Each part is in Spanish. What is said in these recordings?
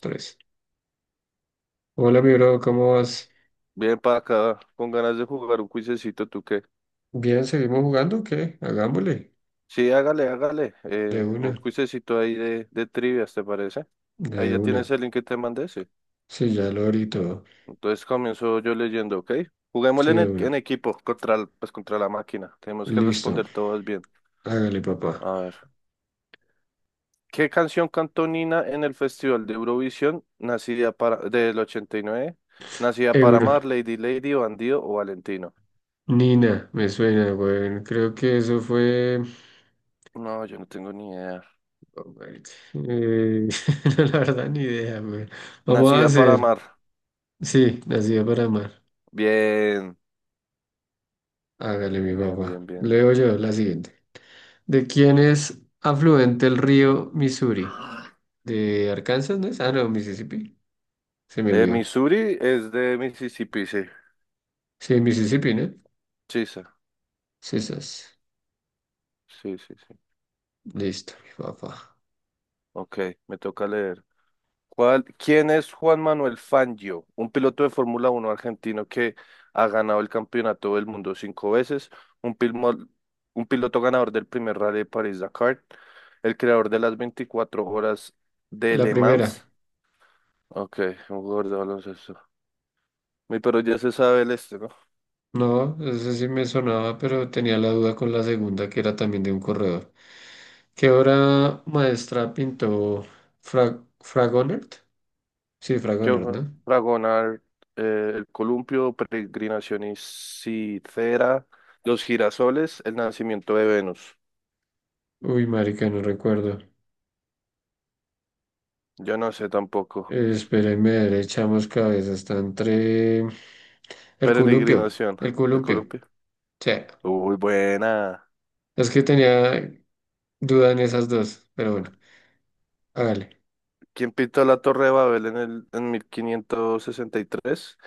Tres. Hola, mi bro, ¿cómo vas? Bien para acá, con ganas de jugar un cuisecito, ¿tú qué? Bien, ¿seguimos jugando? ¿O qué? Hagámosle. Sí, hágale, hágale. De una, Un cuisecito ahí de trivias, ¿te parece? Ahí de ya tienes una. el link que te mandé, sí. Sí, ya lo abrí todo. Entonces comienzo yo leyendo, ¿ok? Juguémosle Sí, en, de e- en una. equipo, contra, pues, contra la máquina. Tenemos que Listo. responder todas bien. Hágale, papá. A ver. ¿Qué canción cantó Nina en el Festival de Eurovisión, del 89? ¿Nacida para Euro. amar, Lady Lady, Bandido o Valentino? Nina, me suena, güey. Creo que eso fue. No, yo no tengo ni idea. Oh, marica. No, la verdad, ni idea, güey. Vamos a Nacida para hacer. amar. Sí, nacida para amar. Bien. Hágale, mi Bien, papá. bien, bien. Leo yo la siguiente. ¿De quién es afluente el río Missouri? ¿De Arkansas, no es? Ah, no, Mississippi. Se me olvidó. Missouri es de Mississippi, sí. Sí, Mississippi, ¿no? Sí, sí, Sisas. sí, sí, sí. Listo, mi papá. Ok, me toca leer. ¿Quién es Juan Manuel Fangio? Un piloto de Fórmula 1 argentino que ha ganado el campeonato del mundo cinco veces, un, pilmo- un piloto ganador del primer Rally de París-Dakar, el creador de las 24 horas de La Le primera. Mans. Ok, un jugador de baloncesto. Mi pero ya se sabe el este, ¿no? No, esa sí me sonaba, pero tenía la duda con la segunda, que era también de un corredor. ¿Qué obra maestra pintó Fragonard? Sí, Fragonard, Yo, ¿no? Dragonar, el columpio, peregrinación y Citera, los girasoles, el nacimiento de Venus. Uy, marica, no recuerdo. Yo no sé tampoco. Espérenme, a ver, echamos cabeza. Está entre... El columpio. Peregrinación, El el columpio. columpio. Sí. Uy, buena. Es que tenía duda en esas dos, pero bueno. Hágale. ¿Quién pintó la Torre de Babel en 1563?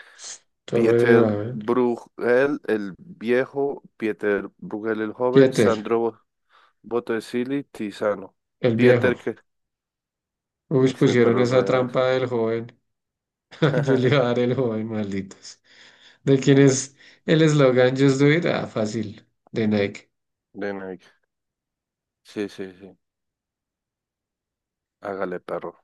Torre de Pieter Babel. Bruegel el viejo, Pieter Bruegel el joven, Jeter. Botticelli, Tiziano. El viejo. Pieter que... Uy, Uy, mi pusieron perro esa real. trampa del joven. Yo le iba a dar el joven, malditos. ¿De quién es el eslogan Just Do It? Ah, fácil. De Nike. De Nike. Sí, sí, sí. Hágale, perro.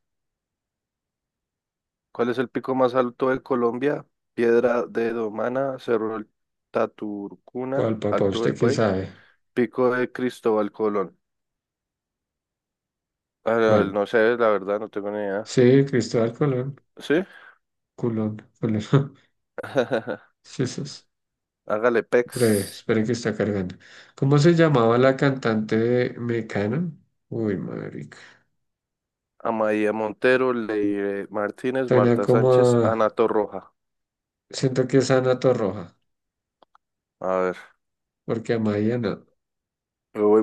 ¿Cuál es el pico más alto de Colombia? Piedra de Domana, Cerro del Taturcuna, ¿Cuál, papá? Alto del ¿Usted qué Buey, sabe? Pico de Cristóbal Colón. Ah, no ¿Cuál? no sé, la verdad, no tengo ni idea. Sí, Cristóbal Colón. ¿Sí? Culón, Colón. Jesús. Hágale, Breve, Pex. esperen que está cargando. ¿Cómo se llamaba la cantante de Mecano? Uy, marica. Amaia Montero, Leire Martínez, Suena Marta como Sánchez, a- Ana Torroja. Siento que es Ana Torroja, A ver. porque a María no. Muy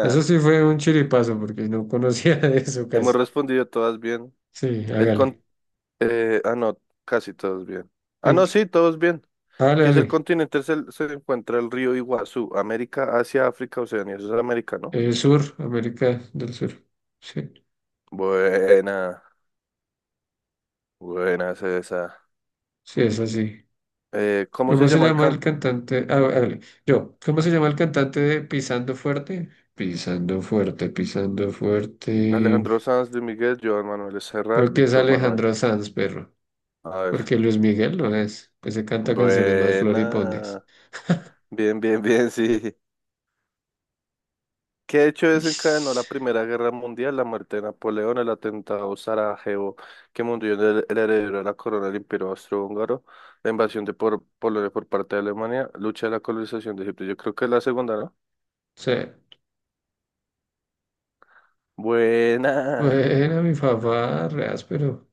Eso sí fue un chiripazo, porque no conocía de eso Hemos casi. respondido todas bien. Sí, El con... hágale. No, casi todos bien. Ah, ¿En no, qué- sí, todos bien. Hágale, Que es el hágale. continente, se encuentra el río Iguazú, América, Asia, África, Oceanía, eso es América, ¿no? Sur, América del Sur. Sí, Buena, buena es esa. sí, es así. ¿Cómo ¿Cómo se se llama el llama can? el cantante? Ah, hágale. Yo, ¿cómo se llama el cantante de Pisando Fuerte? Pisando Fuerte, Pisando Fuerte. Alejandro Sanz, Luis Miguel, Joan Manuel Serrat, Creo que es Víctor Manuel. Alejandro Sanz, perro. A ver, Porque Luis Miguel no es. Ese canta canciones más floripondias. buena, bien, bien, bien, sí. ¿Qué hecho desencadenó la Ish. Primera Guerra Mundial? La muerte de Napoleón, el atentado Sarajevo, que murió el heredero de la corona del Imperio Austrohúngaro, la invasión Polonia por parte de Alemania, lucha de la colonización de Egipto. Yo creo que es la segunda, ¿no? O sea, Buena. bueno, mi papá, reas, pero.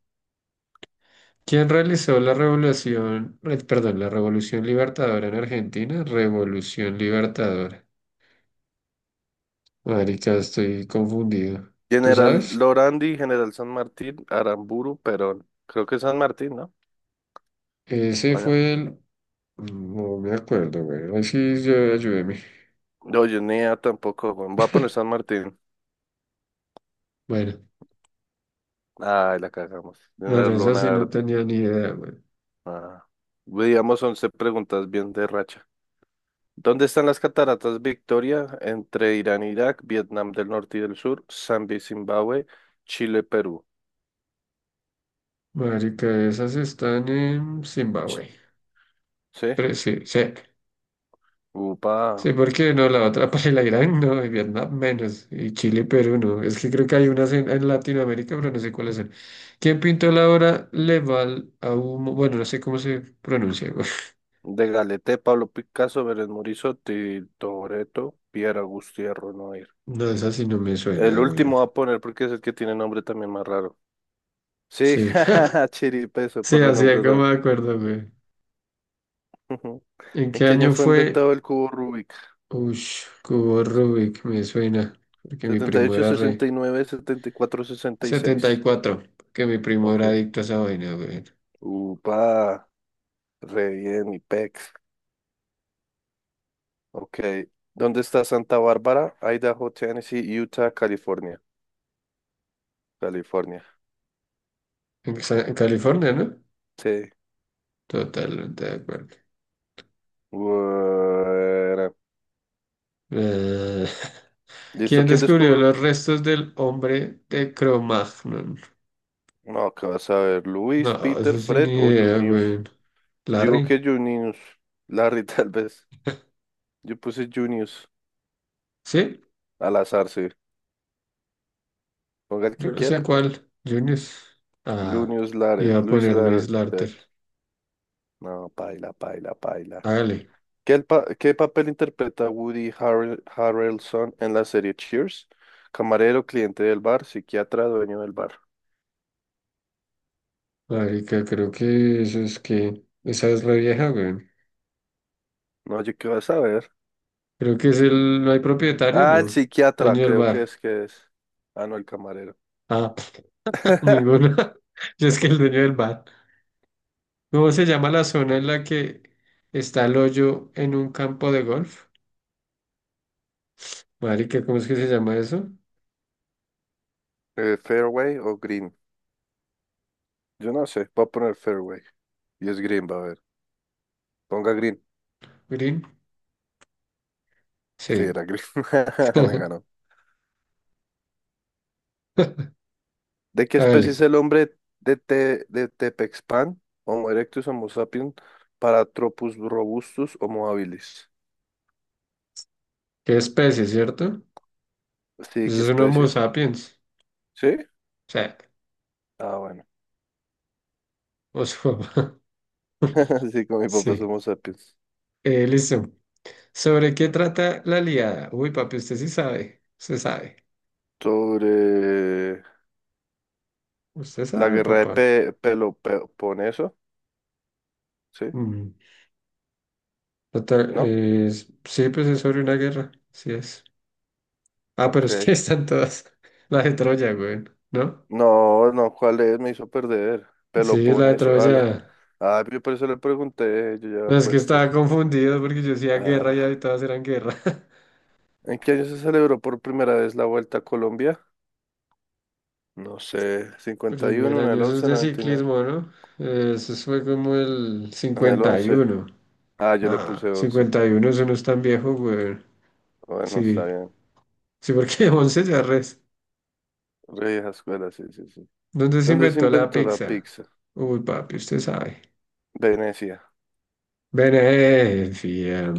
¿Quién realizó la revolución, perdón, la revolución libertadora en Argentina? Revolución libertadora. Marica, estoy confundido. ¿Tú General sabes? Lorandi, General San Martín, Aramburu, Perón. Creo que es San Martín, ¿no? Ese Bueno. fue el... No me acuerdo, güey. Ay, sí, yo, ayúdeme. No, no, yo ni idea tampoco. Bueno, voy a poner San Martín. Bueno, Ay, la cagamos. bueno, General esa sí no Lonardi. tenía ni idea, güey. Ah. Digamos 11 preguntas bien de racha. ¿Dónde están las cataratas Victoria? Entre Irán e Irak, Vietnam del Norte y del Sur, Zambia y Zimbabue, Chile, Perú. Marica, esas están en Ch- Zimbabue. ¿Sí? Pero sí, sí. Upa. Sí, porque no, la otra para Irán no, y Vietnam menos, y Chile, y Perú no. Es que creo que hay unas en Latinoamérica, pero no sé cuáles son. ¿Quién pintó la obra Leval a humo? Bueno, no sé cómo se pronuncia, güey. De Galete, Pablo Picasso, Belén Morizotti, Toretto, Pierre Agustí Noir. No, esa sí no me suena, El güey. último va a poner porque es el que tiene nombre también más raro. Sí, Sí, jajaja, Chiripeso, sí, por el así es nombre como raro. me acuerdo, güey. Ujú. ¿En ¿En qué qué año año fue fue? inventado el cubo Rubik? Ush, Cubo Rubik, me suena, porque mi Setenta y primo ocho, era re. 69, 74, 66. 74, porque mi primo Ok. era adicto a esa vaina, güey. Upa. Re bien, mi pex. Ok. ¿Dónde está Santa Bárbara? Idaho, Tennessee, Utah, California. California. En California, ¿no? Sí. Totalmente de acuerdo. Bueno. Eh, ¿Listo? ¿quién ¿Quién descubrió descubro? los restos del hombre de Cro-Magnon? No, ¿qué vas a ver? ¿Luis, No, Peter, eso sí ni Fred o idea, Junius? güey. Digo ¿Larry? que Junius. Larry, tal vez. Yo puse Junius. ¿Sí? Al azar, sí. Ponga el Yo que no sé quiera. cuál. Junius. Ah, Lunius Lared. iba a Luis poner Luis Lared. Larter. No, paila, paila, paila. Hágale. ¿Qué papel interpreta Woody Harrelson en la serie Cheers? Camarero, cliente del bar, psiquiatra, dueño del bar. Marica, creo que eso es que... Esa es la vieja, güey. No, yo qué vas a ver. Creo que es el... No hay propietario, Ah, el ¿no? psiquiatra, Dueño del creo que bar. es que es. Ah, no, el camarero. Ah, ninguno. Yo es que el dueño del bar. ¿Cómo se llama la zona en la que está el hoyo en un campo de golf? Marica, ¿cómo es que se llama eso? ¿Fairway o Green? Yo no sé, voy a poner Fairway. Y es Green, va a ver. Ponga Green. Green. Sí, Sí. era Green. Me ganó. ¿De qué especie es Hágale. el hombre de Tepexpan? Homo erectus, Homo sapiens, Paratropus robustus, Homo habilis. ¿Qué especie, cierto? Sí, qué Eso es un Homo especie. sapiens. ¿Sí? O sea, Ah, bueno. os- Sí, con mi papá sí. somos sapiens. Listo. ¿Sobre qué trata la liada? Uy, papi, usted sí sabe. Usted sabe. Sobre Usted la sabe, guerra de papá. Peloponeso, ¿sí? Mm. ¿No? Sí, pues es sobre una guerra. Sí es. Ah, pero es que Ok. están todas. La de Troya, güey. ¿No? No, no, ¿cuál es? Me hizo perder. Sí, la de Peloponeso, Troya. ala. Ah, yo por eso le pregunté, yo ya había No, es que puesto. estaba confundido porque yo decía guerra y ahí Ah, todas eran guerra. ¿en qué año se celebró por primera vez la Vuelta a Colombia? No sé, cincuenta y Primer uno en año, el eso es once de noventa y nueve. ciclismo, ¿no? Eso fue como el En el once. 51. Ah, yo le Nah, puse once. 51, eso no es tan viejo, güey. Bueno, está Sí, bien. sí, porque 11 ya res. Rey escuela, sí, sí, sí. ¿Dónde se ¿Dónde se inventó la inventó la pizza? pizza? Uy, papi, usted sabe. Venecia, Venecia.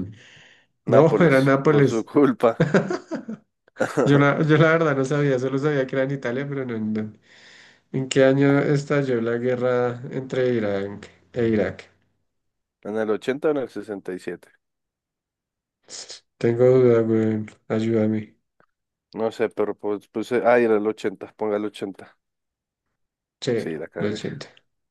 No, era Nápoles, por su Nápoles. culpa. Yo la verdad no sabía, solo sabía que era en Italia, pero no. No. ¿En qué año estalló la guerra entre Irán e Irak? ¿En el ochenta o en el sesenta y siete? Tengo duda, güey. Ayúdame. No sé, pero pues puse. Ah, era el 80, ponga el ochenta. Sí, Sí, la los cagué. 80.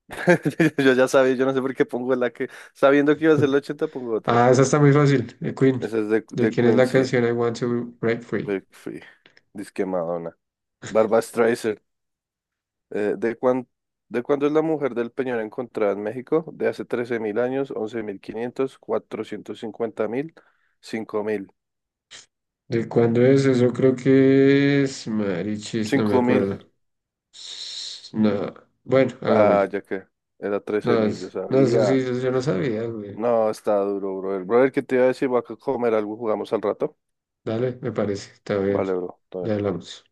Yo ya sabía, yo no sé por qué pongo la que. Sabiendo que iba a ser el 80, pongo otra. Ah, esa está muy fácil, de Queen. Esa es de, ¿De de quién es la Quincy. canción I Want to Break Free? Break Free, Disque Madonna. Barbra Streisand. Eh, ¿de cuán, de cuándo es la mujer del Peñón encontrada en México? De hace 13.000 años, 11.500, 450.000, 5.000. ¿De cuándo es eso? Creo que es Marichis, no me 5.000. acuerdo. No, bueno, Ah, hagámosle. ya que era trece No, mil, yo no, eso sí, sabía. eso yo no sabía, güey. No, está duro, brother. Brother, ¿qué te iba a decir? Voy a comer algo, jugamos al rato. Dale, me parece, está bien. Vale, bro. Todo Ya bien. hablamos.